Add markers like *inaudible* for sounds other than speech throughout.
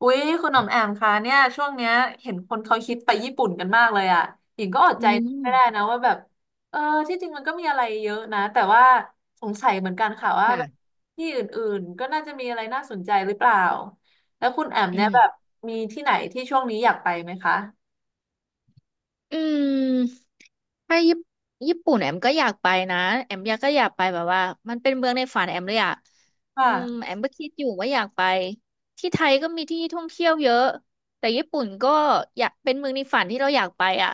อุ๊ยคุณหน่อมแอมคะเนี่ยช่วงเนี้ยเห็นคนเขาคิดไปญี่ปุ่นกันมากเลยอ่ะหญิงก็อดอืใจไม่ได้มนะว่าแบบเออที่จริงมันก็มีอะไรเยอะนะแต่ว่าสงสัยเหมือนกันค่ะว่าแบบค่ะที่อื่นๆก็น่าจะมีอะไรน่าสนใจหรือเปล่าแล้วคุณแอมอืเนี่ยแบบมมีที่ไหนที่ช่วงนี้อยากไปไหมคะอืมไปญี่ปุ่นแอมก็อยากไปนะแอมอยากไปแบบว่ามันเป็นเมืองในฝันแอมเลยอะค่ะแอมก็คิดอยู่ว่าอยากไปที่ไทยก็มีที่ท่องเที่ยวเยอะแต่ญี่ปุ่นก็อยากเป็นเมืองในฝันที่เราอยากไปอะ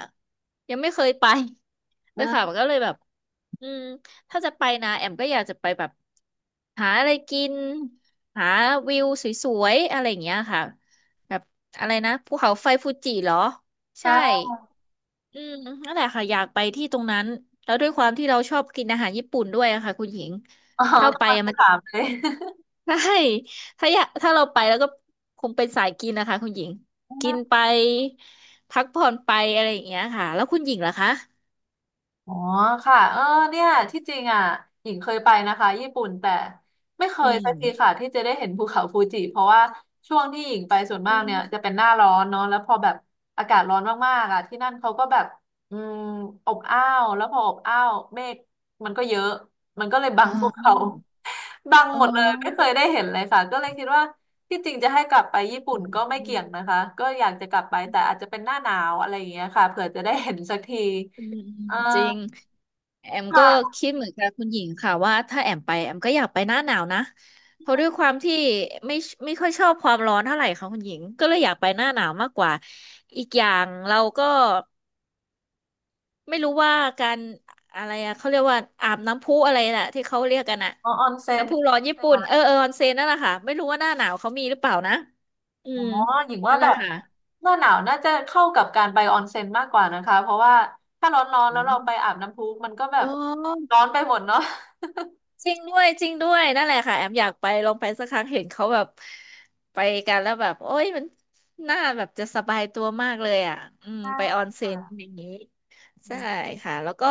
ยังไม่เคยไป *laughs* เลอืยค่ะมมันก็เลยแบบอืมถ้าจะไปนะแอมก็อยากจะไปแบบ หาอะไรกินหาวิวสวยๆอะไรอย่างเงี้ยค่ะแบบอะไรนะภูเขาไฟฟูจิเหรอใช่ค่ะ อืมนั่นแหละค่ะอยากไปที่ตรงนั้นแล้วด้วยความที่เราชอบกินอาหารญี่ปุ่นด้วยอะค่ะคุณหญิง *laughs* อ๋อถ้าไปกำลังอะจะมันจะ ถามเลย *laughs* ใช่ถ้าเราไปแล้วก็คงเป็นสายกินนะคะคุณหญิงกินไปพักผ่อนไปอะไรอย่างเงี้ยค่ะแล้วคุณหญิงล่ะคะอ๋อค่ะเออเนี่ยที่จริงอ่ะหญิงเคยไปนะคะญี่ปุ่นแต่ไม่เคอืยสักมทีค่ะที่จะได้เห็นภูเขาฟูจิเพราะว่าช่วงที่หญิงไปส่วนมาอืกเนี่ยจะมเป็นหน้าร้อนเนาะแล้วพอแบบอากาศร้อนมากๆอ่ะที่นั่นเขาก็แบบอืมอบอ้าวแล้วพออบอ้าวเมฆมันก็เยอะมันก็เลยบัอ๋งอภูเขา *laughs* บังอ๋หอมดเลยไม่เคยได้เห็นเลยค่ะก็เลยคิดว่าที่จริงจะให้กลับไปญี่ปุ่อืนมก็ไม่อืมเกี่ยงนะคะก็อยากจะกลับไปแต่อาจจะเป็นหน้าหนาวอะไรอย่างเงี้ยค่ะเผื่อจะได้เห็นสักทีอืมอ่า จริง แอมก็ค่ะคิดเหมือนกับคุณหญิงค่ะว่าถ้าแอมไปแอมก็อยากไปหน้าหนาวนะเพราะด้วยความที่ไม่ไม่ค่อยชอบความร้อนเท่าไหร่ค่ะคุณหญิงก็เลยอยากไปหน้าหนาวมากกว่าอีกอย่างเราก็ไม่รู้ว่าการอะไรอะเขาเรียกว่าอาบน้ำพุอะไรน่ะที่เขาเรียกกันอะอ๋อออนเซ็นน้ำพุร้อนญี่ปุ่นค่ะเออออนเซ็นนั่นแหละค่ะไม่รู้ว่าหน้าหนาวเขามีหรือเปล่านะอือ๋อมหญิงว่านั่นแหแบละบค่ะหน้าหนาวน่าจะเข้ากับการไปออนเซ็นมากกว่านะคะเพราะว่าถ้าร้อนๆอืแล้วเรามไปอาบน้ำพุมันก็แบอ๋บอ ร้อนไปหมดเนาะจริงด้วยจริงด้วยนั่นแหละค่ะแอมอยากไปลองไปสักครั้งเห็นเขาแบบไปกันแล้วแบบโอ้ยมันน่าแบบจะสบายตัวมากเลยอ่ะอืมใช่ไปออนเซ็นค่ะอย่างนี้ใช่ค่ะแล้วก็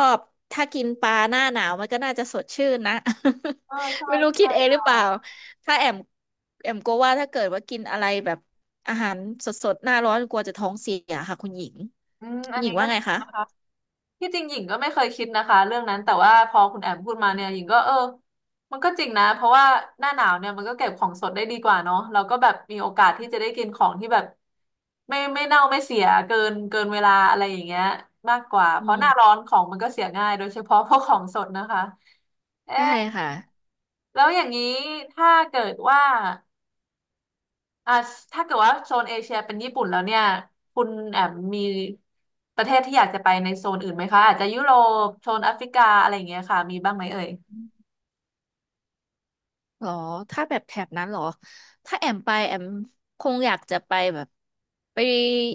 ถ้ากินปลาหน้าหนาวมันก็น่าจะสดชื่นนะ เออ *laughs* ใช่ไม่รู้คิใช่ดเองหรือเปล่าค่ะถ้าแอมแอมกลัวว่าถ้าเกิดว่ากินอะไรแบบอาหารสดๆหน้าร้อนกลัวจะท้องเสียค่ะคุณหญิงอืมคุอัณนหญินี้งก็ว่าดีไงคะนะคะ ที่จริงหญิงก็ไม่เคยคิดนะคะเรื่องนั้นแต่ว่าพอคุณแอมพูดมาเนี่ยหญิงก็เออมันก็จริงนะเพราะว่าหน้าหนาวเนี่ยมันก็เก็บของสดได้ดีกว่าเนาะเราก็แบบมีโอกาสที่จะได้กินของที่แบบไม่เน่าไม่เสียเกินเวลาอะไรอย่างเงี้ยมากกว่าอืเพราะหน้าร้อมนของมันก็เสียง่ายโดยเฉพาะพวกของสดนะคะใช่เอ๊ะค่ะ แล้วอย่างนี้ถ้าเกิดว่า อ่าถ้าเกิดว่าโซนเอเชียเป็นญี่ปุ่นแล้วเนี่ยคุณแอมมีประเทศที่อยากจะไปในโซนอื่นไหมคะอาจจะยุโรปโซนแอฟริกาอะไรอย่างเงี้ยค่ะมีบ้างไหมเอ่ยหรอถ้าแบบแถบนั้นหรอถ้าแอมไปแอมคงอยากจะไปแบบไป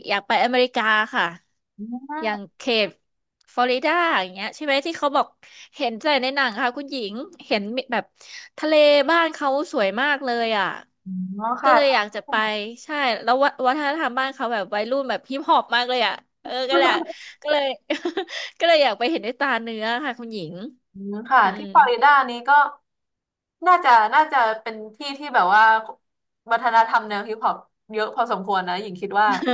อยากไปอเมริกาค่ะ ออย่างืเขตฟลอริดาอย่างเงี้ยใช่ไหมที่เขาบอกเห็นแต่ในหนังค่ะคุณหญิง เห็นแบบทะเลบ้านเขาสวยมากเลยอ่ะมอ๋อก็เลยอค่ะยากจะไปใช่แล้ววะวัฒนธรรมบ้านเขาแบบวัยรุ่นแบบฮิปฮอปมากเลยอ่ะเออก็แหละก็เลย *laughs* ก็เลยอยากไปเห็นด้วยตาเนื้อค่ะคุณหญิงอืมค่ะอืที่ม ฟลอริดานี้ก็น่าจะเป็นที่ที่แบบว่าวัฒนธรรมแนวฮิปฮอปเยอะพอสมควรนะหญิงคิดว่า เออ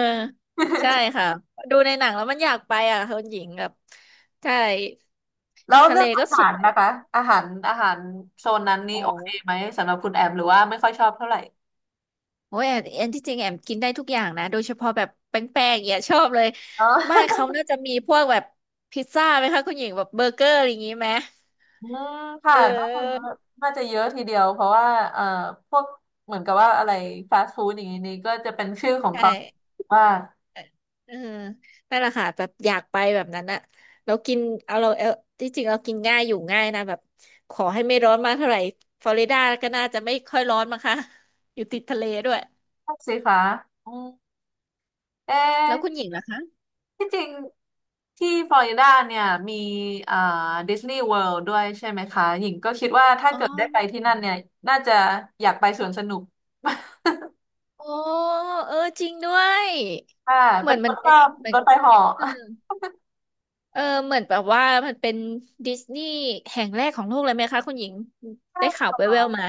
ใช่ *laughs* ค่ะดูในหนังแล้วมันอยากไปอ่ะคุณหญิงแบบใช่แล้วทะเรื่เลองอาก็สหารวยนะคะอาหารโซนนั้นนี้อ๋อโอเคไหมสำหรับคุณแอมหรือว่าไม่ค่อยชอบเท่าไหร่โอ้ยแอนที่จริงแอมกินได้ทุกอย่างนะโดยเฉพาะแบบแป้งๆอย่างเนี่ยชอบเลยอ๋บ้านอ เขาน่าจะมีพวกแบบพิซซ่าไหมคะคุณหญิงแบบเบอร์เกอร์อะไรอย่างนี้ไหมอืมเค่ะน่าจะเยอออะน่าจะเยอะทีเดียวเพราะว่าเอ่อพวกเหมือนกับว่าอะไรฟาสต์ฟู้ดอย่างนี้นี่ก็จะเป็นชื่อของใช่ เขาว่าเออนั่นแหละค่ะแบบอยากไปแบบนั้นอะแล้วกินเอาเราเออที่จริงเรากินง่ายอยู่ง่ายนะแบบขอให้ไม่ร้อนมากเท่าไหร่ฟลอริดาก็น่าจะไม่ค่อยร้อนมั้งคะอยู่ติดทะเลด้วยพวกสิคะอืมเอ๊ะแล้วคุณหญิงล่ะคะที่จริงที่ฟลอริดาเนี่ยมีเอ่อดิสนีย์เวิลด์ด้วยใช่ไหมคะหญิงก็คิดว่าถ้าอ๋อเกิดได้ไปที่นั่นเนี่ยน่าจะอยากไปสวนสนุก โอ้เออจริงด้วย *laughs* ค่ะเหมืเป็อนนคมันนชเป็นอบเหมือรนถไฟเหาะอืมเออเหมือนแบบว่ามันเป็นดิสนีย์แห่งแรกของโลกเลยไหมคะคุณหญิงใช่ได้ข่าวค่ะแว่วๆมา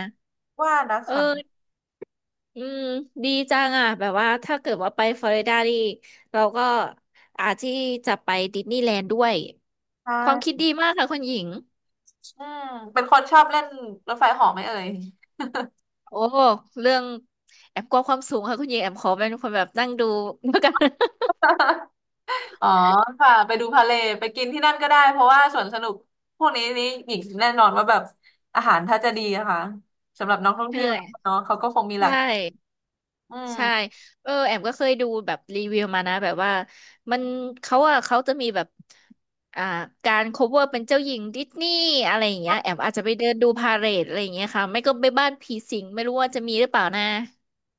ว่า *laughs* นะเอคะอ อืมดีจังอ่ะแบบว่าถ้าเกิดว่าไปฟลอริดานี่เราก็อาจที่จะไปดิสนีย์แลนด์ด้วยใชความคิด่ดีมากค่ะคุณหญิงอืมเป็นคนชอบเล่นรถไฟเหาะไหมเอ่ย โอ้เรื่องแอมกลัวความสูงค่ะคุณหญิงแอมขอเป็นคนแบบนั่งดู *laughs* แล้วกัน *laughs* *laughs* อ๋อค่ะไปดูพาเลทไปกินที่นั่นก็ได้เพราะว่าสวนสนุกพวกนี้นี่หญิงแน่นอนว่าแบบอาหารถ้าจะดีนะคะสำหรับนักท่องเเที่ยวออเนาะเขาก็คงมีหลัใช่กอืใช่มเออแอมก็เคยดูแบบรีวิวมานะแบบว่ามันเขาอะเขาจะมีแบบอ่าการ cover เป็นเจ้าหญิงดิสนีย์อะไรอย่างเงี้ยแอมอาจจะไปเดินดูพาเหรดอะไรอย่างเงี้ยค่ะไม่ก็ไปบ้านผีสิงไม่รู้ว่าจะมีหรือเปล่านะ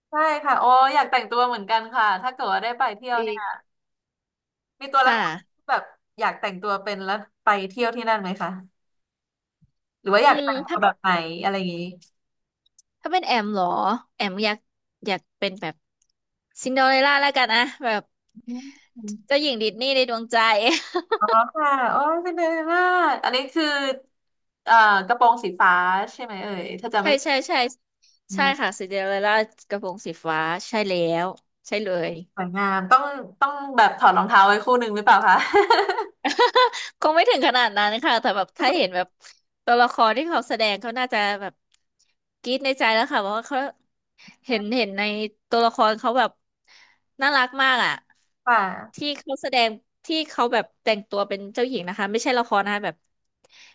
ใช่ค่ะโอ้อยากแต่งตัวเหมือนกันค่ะถ้าเกิดว่าได้ไปเที่ยวดีเนี่ยมีตัวละคค่ะรที่แบบอยากแต่งตัวเป็นแล้วไปเที่ยวที่นั่นไหมคะหรือว่าออืยากมแต่งตัวแบบไหนอะไรอย่างนี้ถ้าเป็นแอมเหรอ แอมอยากเป็นแบบซินเดอเรลล่าแล้วกันนะแบบอืมเจ้าหญิงดิสนีย์ในดวงใจ ค่ะโอ้ยเป็นเลยมากอันนี้คือเอ่อกระโปรงสีฟ้าใช่ไหมเอ่ยถ้าจะ *laughs* ใช่ไม่ ใช่ใช่ใช่ค่ะซินเดอเรลล่ากระโปรงสีฟ้า ใช่แล้ว ใช่เลย สวยงามต้องแบบถอดรองเท้าไว้คู่หนึ่งหรือเปล่าคะ *laughs* คงไม่ถึงขนาดนั้นค่ะ แต่แบบถ้าเห็นแบบตัวละครที่เขาแสดงเขาน่าจะแบบกรี๊ดในใจแล้วค่ะเพราะว่าเขา *laughs* เห็นในตัวละครเขาแบบน่ารักมากอ่ะค่ะที่เขาแสดงที่เขาแบบแต่งตัวเป็นเจ้าหญิงนะคะไม่ใช่ละครนะคะแบบ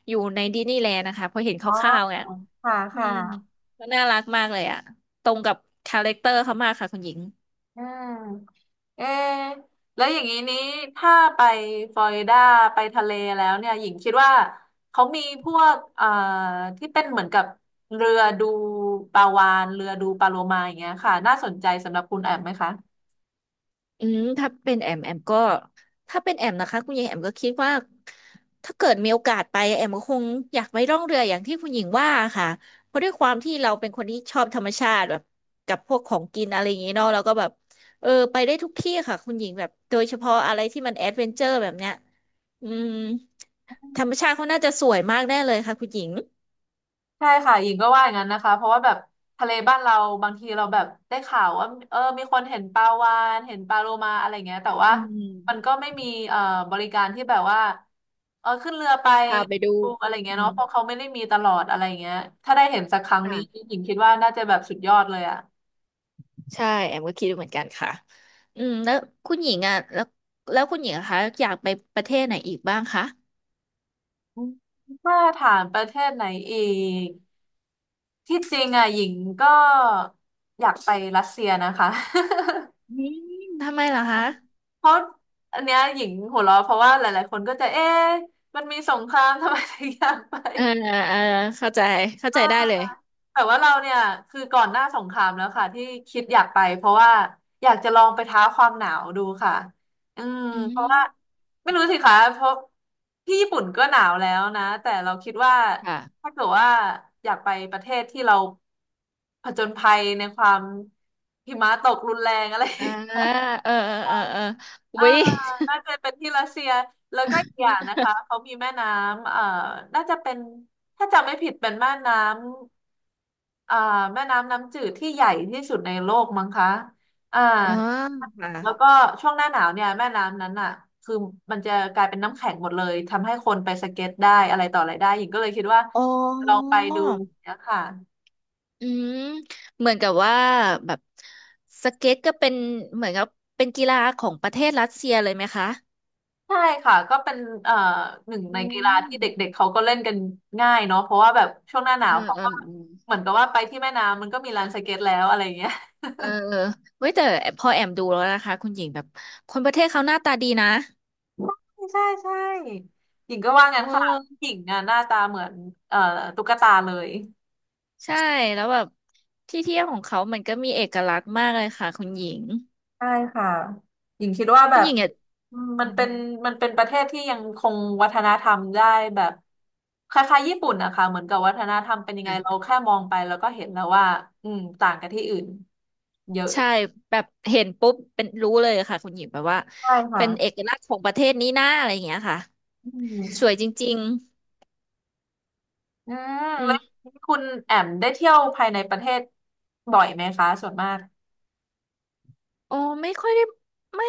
อยู่ในดิสนีย์แลนด์นะคะพอเห็นคอ๋อร่าวๆเนี่ยค่ะอืค่มะก็น่ารักมากเลยอ่ะตรงกับคาแรคเตอร์เขามากค่ะคุณหญิง อืมเอะแล้วอย่างนี้นี้ถ้าไปฟลอริดาไปทะเลแล้วเนี่ยหญิงคิดว่าเขามีพวกที่เป็นเหมือนกับเรือดูปลาวาฬเรือดูปลาโลมาอย่างเงี้ยค่ะน่าสนใจสำหรับคุณแอมไหมคะ อืมถ้าเป็นแอมก็ถ้าเป็นแอมนะคะคุณหญิงแอมก็คิดว่าถ้าเกิดมีโอกาสไปแอมก็คงอยากไปล่องเรืออย่างที่คุณหญิงว่าค่ะเพราะด้วยความที่เราเป็นคนที่ชอบธรรมชาติแบบกับพวกของกินอะไรอย่างนี้เนาะเราก็แบบไปได้ทุกที่ค่ะคุณหญิงแบบโดยเฉพาะอะไรที่มันแอดเวนเจอร์แบบเนี้ยอืมธรรมชาติเขาน่าจะสวยมากแน่เลยค่ะคุณหญิงใช่ค่ะหญิงก็ว่าอย่างนั้นนะคะเพราะว่าแบบทะเลบ้านเราบางทีเราแบบได้ข่าวว่าเออมีคนเห็นปลาวาฬเห็นปลาโลมาอะไรเงี้ยแต่ว่าอืมันมก็ไม่มีบริการที่แบบว่าเออขึ้นเรือไปพาไปดูดูอะไรเงี้ยอืเนาะมเพราะเขาไม่ได้มีตลอดอะไรเงี้ยถ้าได้เห็นสักครั้งนี้ค่ะ หญิงคิดว่าน่าจะแบบสุดยอดเลยอะใช่แอมก็คิดเหมือนกันค่ะ อืมแล้วคุณหญิงแล้วคุณหญิงอะคะอยากไปประเทศไหนอีกบ้างคะอืมถ้าถามประเทศไหนอีกที่จริงอะหญิงก็อยากไปรัสเซียนะคะ อืมทำไมเหรอคะ เพราะอันเนี้ยหญิงหัวเราะเพราะว่าหลายๆคนก็จะเอ๊ะมันมีสงครามทำไมถึงอยากไปเออเออเข้าใจเข้าเอใจอได้เลยแต่ว่าเราเนี่ยคือก่อนหน้าสงครามแล้วค่ะที่คิดอยากไปเพราะว่าอยากจะลองไปท้าความหนาวดูค่ะอืมอืเพราะว่ามไม่รู้สิคะเพราะที่ญี่ปุ่นก็หนาวแล้วนะแต่เราคิดว่าค่ะถ้าเกิดว่าอยากไปประเทศที่เราผจญภัยในความหิมะตกรุนแรงอะไร อ่าเอออุ๊อ่าย น่าจะเป็นที่รัสเซียแล้วก็อีกอย่างนะ *laughs* คะเขามีแม่น้ำน่าจะเป็นถ้าจำไม่ผิดเป็นแม่น้ำแม่น้ำน้ำจืดที่ใหญ่ที่สุดในโลกมั้งคะอ่าอ๋อค่ะแล้วก็ช่วงหน้าหนาวเนี่ยแม่น้ำนั้นอ่ะคือมันจะกลายเป็นน้ำแข็งหมดเลยทำให้คนไปสเก็ตได้อะไรต่ออะไรได้หญิงก็เลยคิดว่าอ๋อลองไปดูเนี่ยค่ะ อืมเหมือนกับว่าแบบสเก็ตก็เป็นเหมือนกับเป็นกีฬาของประเทศรัสเซียเลยไหมคะ ใช่ค่ะก็เป็นเอ่อหนึ่งอืในกีฬาที่เด็มกๆเขาก็เล่นกันง่ายเนาะเพราะว่าแบบช่วงหน้าหนาเอวอเขาเออ ก็เหมือนกับว่าไปที่แม่น้ำมันก็มีลานสเก็ตแล้วอะไรอย่างเงี้ยเออเว้ยแต่พอแอมดูแล้วนะคะคุณหญิงแบบคนประเทศเขาหน้าตาดีนะใช่ใช่หญิงก็ว่าเงั้นค่ะออหญิงอ่ะหน้าตาเหมือนเอ่อตุ๊กตาเลยใช่แล้วแบบที่เที่ยวของเขามันก็มีเอกลักษณ์มากเลยค่ะคุณหญิงใช่ค่ะหญิงคิดว่าแบคุณหบญิงเนี่ยอืมมัอืนมเป็นประเทศที่ยังคงวัฒนธรรมได้แบบคล้ายๆญี่ปุ่นนะคะเหมือนกับวัฒนธรรมเป็นยังไงค่ะเราแค่มองไปแล้วก็เห็นแล้วว่าอืมต่างกันที่อื่นเยอะใช่แบบเห็นปุ๊บเป็นรู้เลยค่ะคุณหญิงแบบว่าใช่ค่ะ เป็นเอกลักษณ์ของประเทศนี้นะอะไรอย่างเงี้ยค่ะอืสมวยจริงอืมๆอืแล้วมคุณแอมได้เที่ยวภายในประเทศบ่อยไหมคะส่วนมากโอ้ไม่ค่อยได้ไม่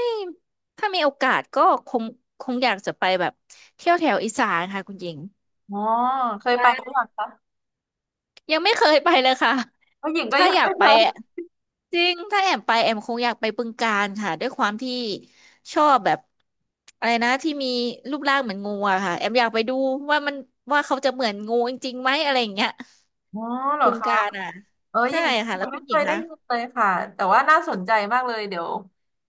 ถ้ามีโอกาสก็คงคงอยากจะไปแบบเที่ยวแถวอีสานค่ะคุณหญิง อ๋อเคยไปหรือยังคะยังไม่เคยไปเลยค่ะ ผู้หญิงก็ถ้ายังอยากไม่เคไปอะยจริง ถ้าแอมไปแอมคงอยากไปบึงกาฬค่ะด้วยความที่ชอบแบบอะไรนะที่มีรูปร่างเหมือนงูอะค่ะแอมอยากไปดูว่ามันว่าเขาจะเหมือนงูจริงๆไหมอะไรอย่างเงี้ยอ๋อเหรอบึงคะกาฬอ่ะเอออใช่ย่างนี้ค่ะแล้ยัวงคุไม่ณหเคญิงยได้คะยินเลยค่ะแต่ว่าน่าสนใจมากเลยเดี๋ยว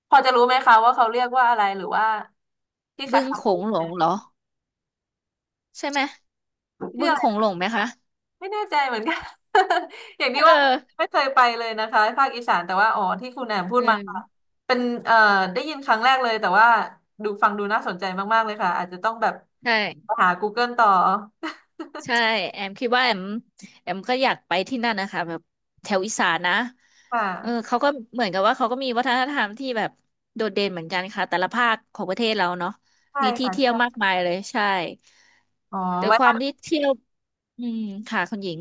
พอจะรู้ไหมคะว่าเขาเรียกว่าอะไรหรือว่าที่คบึงล้ายโขๆกังนหลงไหเหรอใช่ไหมบึงโขม งหลงไหมคะไม่แน่ใจเหมือนกัน *laughs* อย่างที่เอว่าอไม่เคยไปเลยนะคะภาคอีสานแต่ว่าอ๋อที่คุณแอมพูดอืมามเป็นเอ่อได้ยินครั้งแรกเลยแต่ว่าดูฟังดูน่าสนใจมากๆเลยค่ะอาจจะต้องแบบใช่ หา Google ต่อ *laughs* ใช่แอมคิดว่าแอมก็อยากไปที่นั่นนะคะแบบแถวอีสานนะค่เออะเขาก็เหมือนกับว่าเขาก็มีวัฒนธรรมที่แบบโดดเด่นเหมือนกันค่ะแต่ละภาคของประเทศเราเนาะใช่มีที่ค่ะเที่ยวใช่มากมายเลยใช่อ๋อแต่ไว้ควาตั้มงที่เที่ยวอืมค่ะคุณหญิง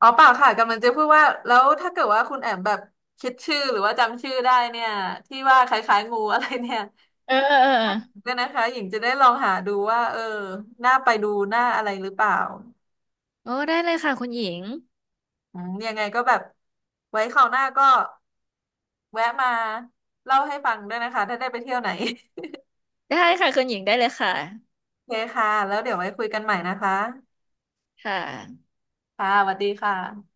อ๋อเปล่าค่ะกำลังจะพูดว่าแล้วถ้าเกิดว่าคุณแอมแบบคิดชื่อหรือว่าจำชื่อได้เนี่ยที่ว่าคล้ายๆงูอะไรเนี่ยเออเออเออก็นะคะหญิงจะได้ลองหาดูว่าเออน่าไปดูน่าอะไรหรือเปล่า โอ้ได้เลยค่ะคุณหญิงอืมยังไงก็แบบไว้คราวหน้าก็แวะมาเล่าให้ฟังด้วยนะคะถ้าได้ไปเที่ยวไหน ได้ค่ะคุณหญิงได้เลยค่ะ *laughs* โอเคค่ะแล้วเดี๋ยวไว้คุยกันใหม่นะคะค่ะค่ะสวัสดีค่ะ